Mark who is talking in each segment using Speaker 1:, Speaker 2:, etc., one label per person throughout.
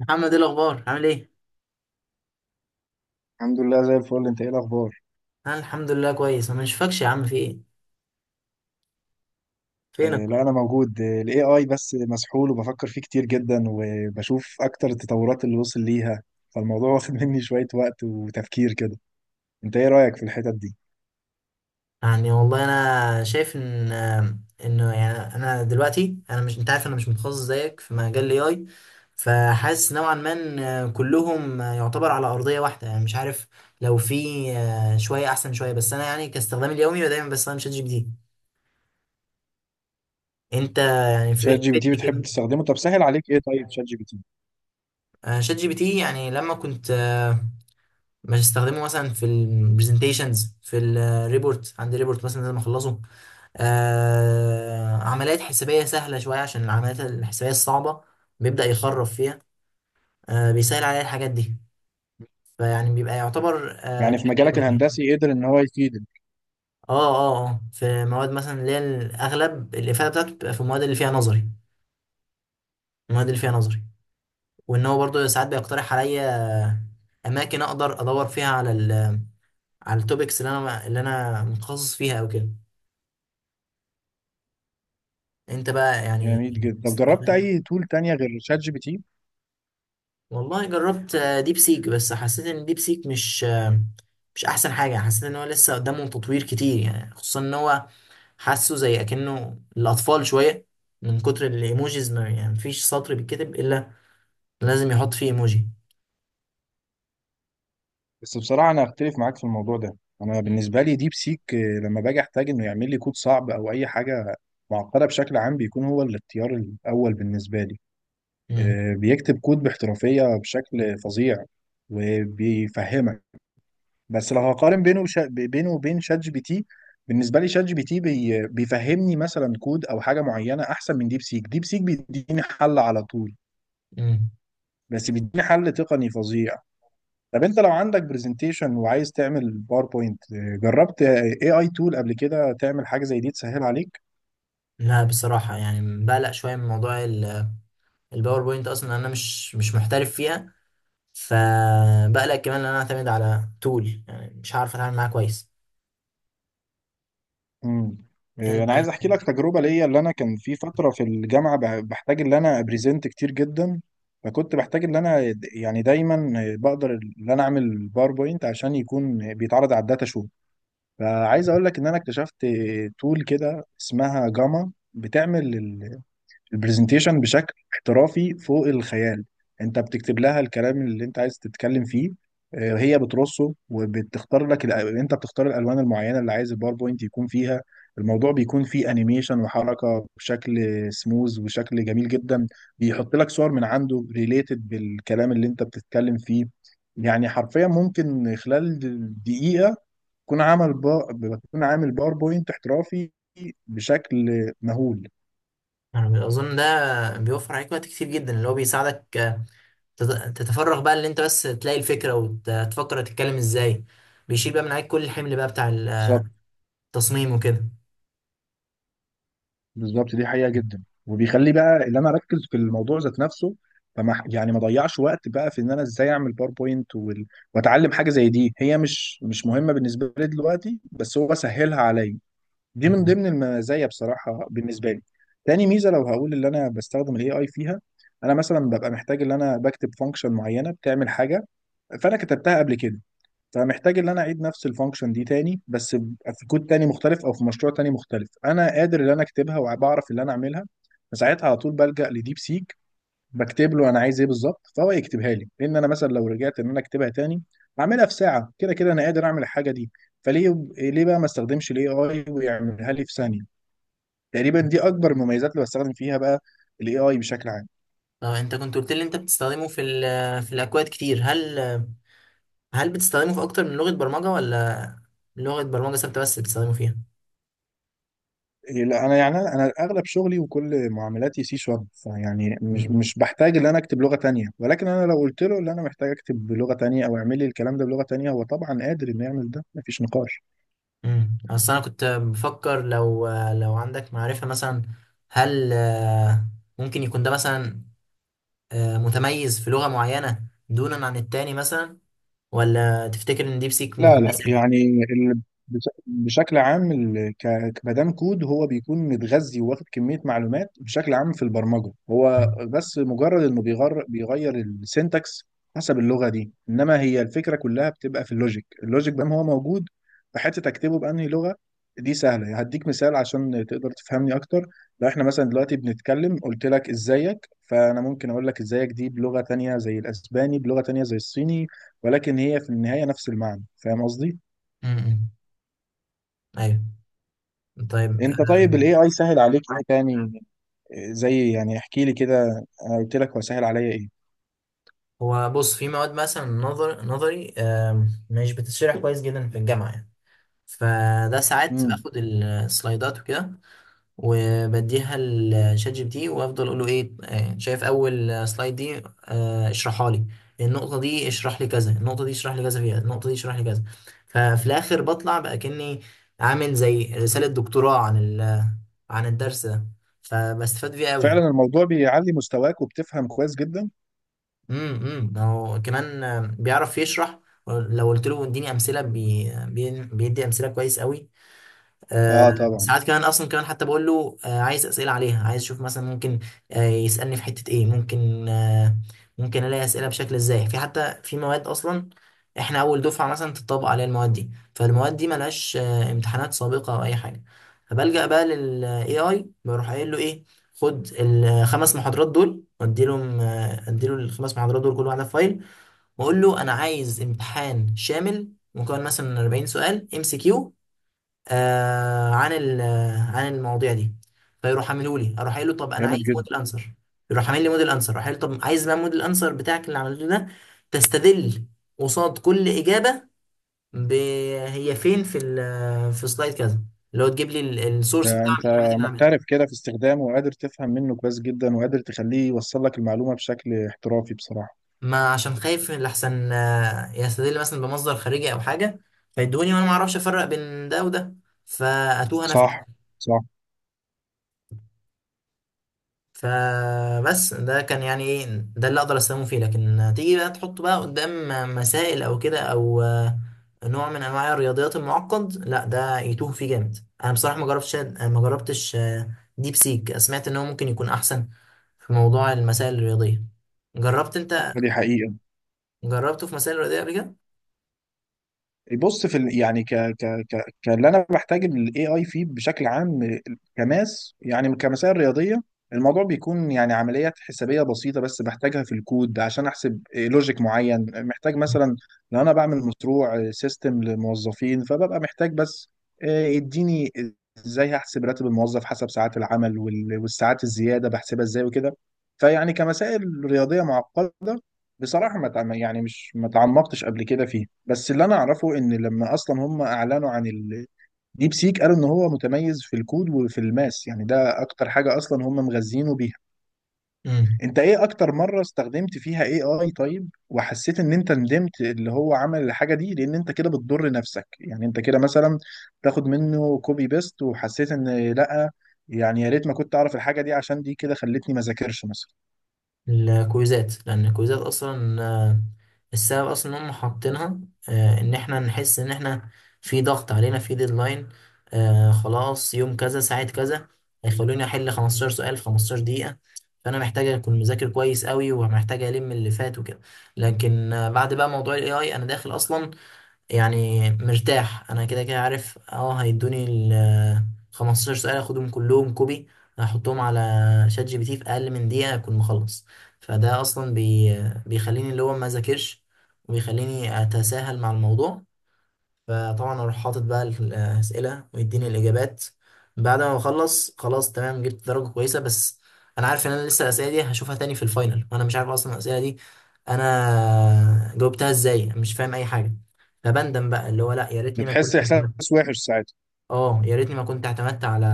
Speaker 1: محمد، ايه الاخبار؟ عامل ايه؟
Speaker 2: الحمد لله زي الفل. انت ايه الاخبار؟
Speaker 1: انا الحمد لله كويس. انا مش فاكش يا عم، في ايه؟ فينك
Speaker 2: آه، لا،
Speaker 1: كل
Speaker 2: انا
Speaker 1: ده؟
Speaker 2: موجود. الاي اي بس مسحول وبفكر فيه كتير جدا وبشوف اكتر التطورات اللي وصل ليها فالموضوع واخد مني شوية وقت وتفكير كده. انت ايه رأيك في الحتت دي؟
Speaker 1: يعني والله انا شايف ان يعني انا دلوقتي، انا مش انت عارف، انا مش متخصص زيك في مجال الاي اي. فحاسس نوعا ما ان كلهم يعتبر على ارضيه واحده، يعني مش عارف. لو في شويه احسن شويه، بس انا يعني كاستخدامي اليومي دايما بستخدم شات جي بي تي. انت يعني
Speaker 2: شات
Speaker 1: في
Speaker 2: جي بي تي
Speaker 1: فدني
Speaker 2: بتحب
Speaker 1: كده.
Speaker 2: تستخدمه؟ طب سهل عليك ايه طيب شات جي بي تي؟
Speaker 1: شات جي بي تي يعني لما كنت، مش هستخدمه مثلا في البرزنتيشنز، في الريبورت. عندي ريبورت مثلا لازم اخلصه. عمليات حسابيه سهله شويه، عشان العمليات الحسابيه الصعبه بيبدا يخرف فيها. بيسهل عليا الحاجات دي. فيعني بيبقى يعتبر
Speaker 2: يعني في
Speaker 1: بشكل
Speaker 2: مجالك
Speaker 1: أول.
Speaker 2: الهندسي قدر ان هو يفيدك؟
Speaker 1: اه، اه، اه، في مواد مثلا اللي هي الاغلب الافاده بتاعته بتبقى في المواد اللي فيها نظري، المواد اللي فيها نظري. وان هو برضه ساعات بيقترح عليا اماكن اقدر ادور فيها على التوبكس اللي انا متخصص فيها او كده. انت بقى يعني
Speaker 2: جميل جدا. طب جربت
Speaker 1: بتستخدم؟
Speaker 2: اي تول تانية غير شات جي بي تي؟
Speaker 1: والله جربت، ديب سيك، بس حسيت ان ديب سيك مش، مش احسن حاجه. حسيت ان هو لسه قدامه تطوير كتير، يعني خصوصا ان هو حاسه زي اكنه الاطفال شويه، من كتر الايموجيز. ما يعني مفيش سطر بيتكتب الا لازم يحط فيه ايموجي.
Speaker 2: بس بصراحة أنا أختلف معاك في الموضوع ده. أنا بالنسبة لي ديب سيك، لما باجي أحتاج إنه يعمل لي كود صعب أو أي حاجة معقدة بشكل عام بيكون هو الاختيار الأول بالنسبة لي.
Speaker 1: امم.
Speaker 2: بيكتب كود باحترافية بشكل فظيع وبيفهمك. بس لو هقارن بينه بينه وبين شات جي بي تي بالنسبة لي شات جي بي تي بيفهمني مثلا كود أو حاجة معينة أحسن من ديب سيك. ديب سيك بيديني حل على طول.
Speaker 1: امم.
Speaker 2: بس بيديني حل تقني فظيع. طب انت لو عندك برزنتيشن وعايز تعمل باوربوينت، جربت اي اي تول قبل كده تعمل حاجه زي دي تسهل عليك؟
Speaker 1: لا بصراحه، يعني بقلق شويه من موضوع الباوربوينت. اصلا انا مش محترف فيها. فبقلق كمان ان انا اعتمد على تول يعني مش عارف اتعامل معاه كويس.
Speaker 2: امم. إيه، انا
Speaker 1: انت
Speaker 2: عايز احكي لك تجربه ليا. اللي انا كان في فتره في الجامعه بحتاج ان انا ابريزنت كتير جدا. فكنت بحتاج ان انا يعني دايما بقدر ان انا اعمل باوربوينت عشان يكون بيتعرض على الداتا شو. فعايز اقول لك ان انا اكتشفت تول كده اسمها جاما بتعمل البرزنتيشن بشكل احترافي فوق الخيال. انت بتكتب لها الكلام اللي انت عايز تتكلم فيه، هي بترصه وبتختار لك انت بتختار الالوان المعينه اللي عايز الباوربوينت يكون فيها. الموضوع بيكون فيه انيميشن وحركه بشكل سموز وشكل جميل جدا. بيحط لك صور من عنده ريليتد بالكلام اللي انت بتتكلم فيه. يعني حرفيا ممكن خلال دقيقه تكون عامل با... تكون عامل باوربوينت احترافي بشكل مهول.
Speaker 1: انا اظن ده بيوفر عليك وقت كتير جدا، اللي هو بيساعدك، تتفرغ بقى، اللي انت بس تلاقي الفكره وتفكر تتكلم ازاي. بيشيل بقى من عليك كل الحمل بقى بتاع التصميم وكده.
Speaker 2: بالظبط. دي حقيقة جدا وبيخلي بقى اللي انا اركز في الموضوع ذات نفسه. فما يعني ما ضيعش وقت بقى في ان انا ازاي اعمل باوربوينت واتعلم حاجة زي دي. هي مش مهمة بالنسبة لي دلوقتي بس هو سهلها عليا. دي من
Speaker 1: مم.
Speaker 2: ضمن المزايا بصراحة بالنسبة لي. تاني ميزة لو هقول اللي انا بستخدم الاي اي فيها، انا مثلا ببقى محتاج ان انا بكتب فانكشن معينة بتعمل حاجة، فانا كتبتها قبل كده. فمحتاج ان انا اعيد نفس الفانكشن دي تاني بس في كود تاني مختلف او في مشروع تاني مختلف. انا قادر ان انا اكتبها وبعرف اللي انا اعملها، فساعتها على طول بلجأ لديب سيك. بكتب له انا عايز ايه بالظبط فهو يكتبها لي، لان انا مثلا لو رجعت ان انا اكتبها تاني اعملها في ساعه، كده كده انا قادر اعمل الحاجه دي. فليه ليه بقى ما استخدمش الاي اي ويعملها لي في ثانيه؟ تقريبا دي اكبر المميزات اللي بستخدم فيها بقى الاي اي بشكل عام.
Speaker 1: اه، انت كنت قلت لي انت بتستخدمه في الاكواد كتير. هل بتستخدمه في اكتر من لغه برمجه، ولا لغه برمجه ثابته بس بتستخدمه فيها؟
Speaker 2: إيه، لا، انا يعني انا اغلب شغلي وكل معاملاتي سي شارب، فيعني مش
Speaker 1: مم.
Speaker 2: مش بحتاج ان انا اكتب لغه تانية. ولكن انا لو قلت له ان انا محتاج اكتب بلغه تانية او اعمل لي الكلام ده بلغه تانية هو طبعا قادر انه يعمل ده، مفيش نقاش.
Speaker 1: مم. اصل انا كنت بفكر، لو عندك معرفه مثلا، هل ممكن يكون ده مثلا متميز في لغة معينة دونا عن التاني مثلا، ولا تفتكر ان ديب سيك
Speaker 2: لا، لا،
Speaker 1: مكتسح؟
Speaker 2: يعني بشكل عام كمدام كود هو بيكون متغذي وواخد كمية معلومات بشكل عام في البرمجة، هو
Speaker 1: مم.
Speaker 2: بس مجرد انه بيغير السينتاكس حسب اللغة دي. انما هي الفكرة كلها بتبقى في اللوجيك. اللوجيك بقى هو موجود في حتة تكتبه بأنهي لغة. دي سهلة، هديك مثال عشان تقدر تفهمني اكتر. لو احنا مثلا دلوقتي بنتكلم قلت لك ازيك، فانا ممكن اقول لك ازيك دي بلغة تانية زي الاسباني، بلغة تانية زي الصيني، ولكن هي في النهاية نفس المعنى. فاهم قصدي؟
Speaker 1: مم. ايوه. طيب،
Speaker 2: انت طيب الاي اي سهل عليك ايه تاني؟ زي يعني احكي لي كده، انا قلت لك هو سهل عليا ايه؟
Speaker 1: هو بص، في مواد مثلا، نظري، مش بتتشرح كويس جدا في الجامعة يعني. فده ساعات
Speaker 2: امم.
Speaker 1: باخد السلايدات وكده وبديها لشات جي بي تي وافضل اقول له ايه. شايف اول سلايد دي؟ اشرحها لي. النقطه دي اشرح لي كذا، النقطه دي اشرح لي كذا فيها، النقطه دي اشرح لي كذا. ففي الاخر بطلع بقى كاني عامل زي رساله دكتوراه عن الدرس ده. فبستفاد فيه
Speaker 2: فعلا
Speaker 1: قوي.
Speaker 2: الموضوع بيعلي مستواك وبتفهم كويس جدا؟
Speaker 1: امم. امم. هو كمان بيعرف يشرح. لو قلت له اديني امثله، بيدي امثله كويس قوي. آه،
Speaker 2: اه، طبعا.
Speaker 1: ساعات كمان اصلا كمان حتى بقول له عايز اسئله عليها، عايز اشوف مثلا ممكن، يسالني في حته ايه، ممكن الاقي اسئله بشكل ازاي، في حتى في مواد اصلا احنا اول دفعه مثلا تطبق عليها. المواد دي، فالمواد دي ملهاش امتحانات سابقه او اي حاجه. فبلجأ بقى للاي اي، بروح قايل له ايه، خد الخمس محاضرات دول. واديلهم آه، اديله الخمس محاضرات دول كل واحده في فايل، واقول له انا عايز امتحان شامل مكون مثلا من 40 سؤال ام سي كيو، آه عن ال- آه، عن المواضيع دي. فيروح عامله لي. اروح قايل له، طب انا
Speaker 2: جامد
Speaker 1: عايز
Speaker 2: جدا.
Speaker 1: موديل انسر. يروح عامل لي موديل انسر. اروح قايل له، طب عايز بقى موديل انسر بتاعك اللي عملته ده تستدل قصاد كل اجابه ب... هي فين، في ال... آه، في سلايد كذا، اللي هو تجيب لي السورس
Speaker 2: ده
Speaker 1: بتاع من
Speaker 2: انت
Speaker 1: الحاجات اللي عملها.
Speaker 2: محترف كده في استخدامه وقادر تفهم منه كويس جدا وقادر تخليه يوصل لك المعلومة بشكل احترافي بصراحة.
Speaker 1: ما عشان خايف لحسن يستدل مثلا بمصدر خارجي او حاجه، فيدوني وانا ما اعرفش افرق بين ده وده، فاتوه انا في.
Speaker 2: صح. صح.
Speaker 1: فبس ده كان يعني ايه، ده اللي اقدر استخدمه فيه. لكن تيجي بقى تحطه بقى قدام مسائل او كده، او نوع من انواع الرياضيات المعقد، لا، ده يتوه فيه جامد. انا بصراحه ما جربتش ديب سيك، سمعت ان هو ممكن يكون احسن في موضوع المسائل الرياضيه. جربت انت؟
Speaker 2: دي حقيقة.
Speaker 1: جربته في مسائل رياضيه قبل
Speaker 2: بص يعني ك ك ك كاللي انا بحتاج الاي اي فيه بشكل عام كماس، يعني كمسائل رياضيه. الموضوع بيكون يعني عمليات حسابيه بسيطه بس بحتاجها في الكود عشان احسب لوجيك معين، محتاج مثلا لو انا بعمل مشروع سيستم لموظفين فببقى محتاج بس يديني ازاي هحسب راتب الموظف حسب ساعات العمل والساعات الزياده بحسبها ازاي وكده. فيعني كمسائل رياضيه معقده بصراحة ما تعم- يعني مش ما تعمقتش قبل كده فيه. بس اللي أنا أعرفه إن لما أصلا هم أعلنوا عن الديب سيك قالوا إن هو متميز في الكود وفي الماس. يعني ده أكتر حاجة أصلا هم مغذينه بيها.
Speaker 1: كده؟
Speaker 2: أنت إيه أكتر مرة استخدمت فيها AI طيب؟ وحسيت إن أنت ندمت اللي هو عمل الحاجة دي لأن أنت كده بتضر نفسك؟ يعني أنت كده مثلا تاخد منه كوبي بيست وحسيت إن لأ، يعني يا ريت ما كنت أعرف الحاجة دي عشان دي كده خلتني ما ذاكرش مثلا؟
Speaker 1: الكويزات، لان الكويزات اصلا، السبب اصلا ان هم حاطينها، ان احنا نحس ان احنا في ضغط علينا، في ديدلاين. خلاص يوم كذا ساعة كذا هيخلوني احل 15 سؤال في 15 دقيقة، فانا محتاج اكون مذاكر كويس قوي ومحتاج الم اللي فات وكده. لكن بعد بقى موضوع الاي اي انا داخل اصلا يعني مرتاح، انا كده كده عارف اه هيدوني ال 15 سؤال، اخدهم كلهم كوبي، هحطهم على شات جي بي تي، في اقل من دقيقه اكون مخلص. فده اصلا بيخليني اللي هو ما ذاكرش، وبيخليني اتساهل مع الموضوع. فطبعا اروح حاطط بقى الاسئله ويديني الاجابات. بعد ما بخلص، خلاص تمام، جبت درجه كويسه، بس انا عارف ان انا لسه الاسئله دي هشوفها تاني في الفاينل، وانا مش عارف اصلا الاسئله دي انا جاوبتها ازاي، مش فاهم اي حاجه. فبندم بقى اللي هو لا، يا ريتني ما
Speaker 2: بتحس
Speaker 1: كنت اعتمدت.
Speaker 2: إحساس وحش ساعتها؟
Speaker 1: اه، يا ريتني ما كنت اعتمدت على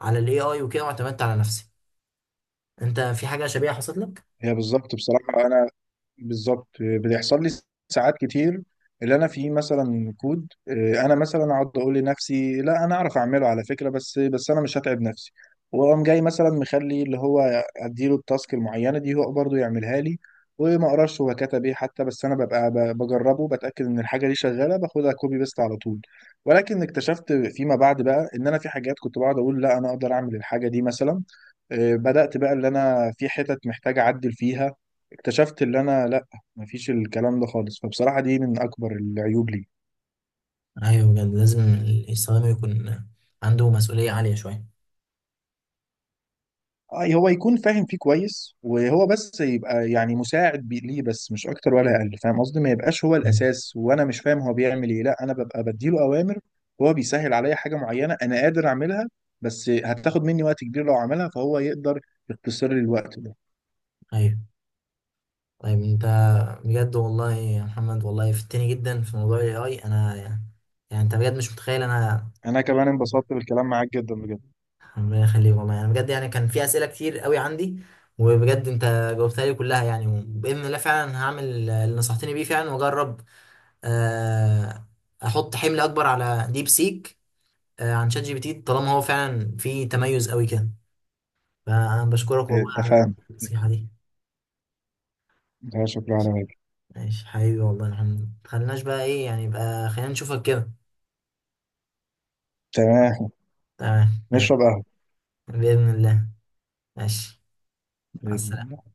Speaker 1: على الاي اي وكده، واعتمدت على نفسي. انت في حاجه شبيهه حصلت لك؟
Speaker 2: هي بالظبط بصراحة. أنا بالظبط بيحصل لي ساعات كتير. اللي انا فيه مثلا كود، انا مثلا اقعد اقول لنفسي لا انا اعرف اعمله على فكره، بس انا مش هتعب نفسي، واقوم جاي مثلا مخلي اللي هو اديله التاسك المعينه دي هو برضه يعملها لي، وما اقراش هو كتب ايه حتى. بس انا ببقى بجربه بتاكد ان الحاجه دي شغاله باخدها كوبي بيست على طول. ولكن اكتشفت فيما بعد بقى ان انا في حاجات كنت بقعد اقول لا انا اقدر اعمل الحاجه دي مثلا، بدات بقى اللي انا في حتت محتاج اعدل فيها، اكتشفت اللي انا لا، مفيش الكلام ده خالص. فبصراحة دي من اكبر العيوب لي.
Speaker 1: ايوه، بجد لازم السلام يكون عنده مسؤوليه عاليه شويه.
Speaker 2: هو يكون فاهم فيه كويس وهو بس يبقى يعني مساعد ليه بس، مش اكتر ولا اقل. فاهم قصدي؟ ما يبقاش هو
Speaker 1: أمم.
Speaker 2: الاساس وانا مش فاهم هو بيعمل ايه، لا، انا ببقى بديله اوامر. هو بيسهل عليا حاجة معينة انا قادر اعملها بس هتاخد مني وقت كبير لو عملها، فهو يقدر يختصر لي الوقت ده.
Speaker 1: ايوه. طيب، انت بجد والله يا محمد، والله فتني جدا في موضوع الاي اي. انا يعني، يعني انت بجد مش متخيل انا.
Speaker 2: انا كمان انبسطت بالكلام معاك جدا بجد.
Speaker 1: ربنا يخليك والله، يعني بجد يعني كان في اسئله كتير قوي عندي، وبجد انت جاوبتها لي كلها. يعني باذن الله فعلا هعمل اللي نصحتني بيه فعلا، واجرب، آه، احط حمل اكبر على ديب سيك، عن شات جي بي تي، طالما هو فعلا في تميز قوي كده. فانا بشكرك والله على
Speaker 2: اتفقنا.
Speaker 1: النصيحه دي.
Speaker 2: ده شكرا على واجب.
Speaker 1: ماشي حبيبي، والله يا محمد متخليناش بقى، ايه يعني، يبقى خلينا نشوفك كده.
Speaker 2: تمام.
Speaker 1: تمام، ماشي.
Speaker 2: نشرب
Speaker 1: بإذن الله. ماشي. مع
Speaker 2: قهوة.
Speaker 1: السلامة.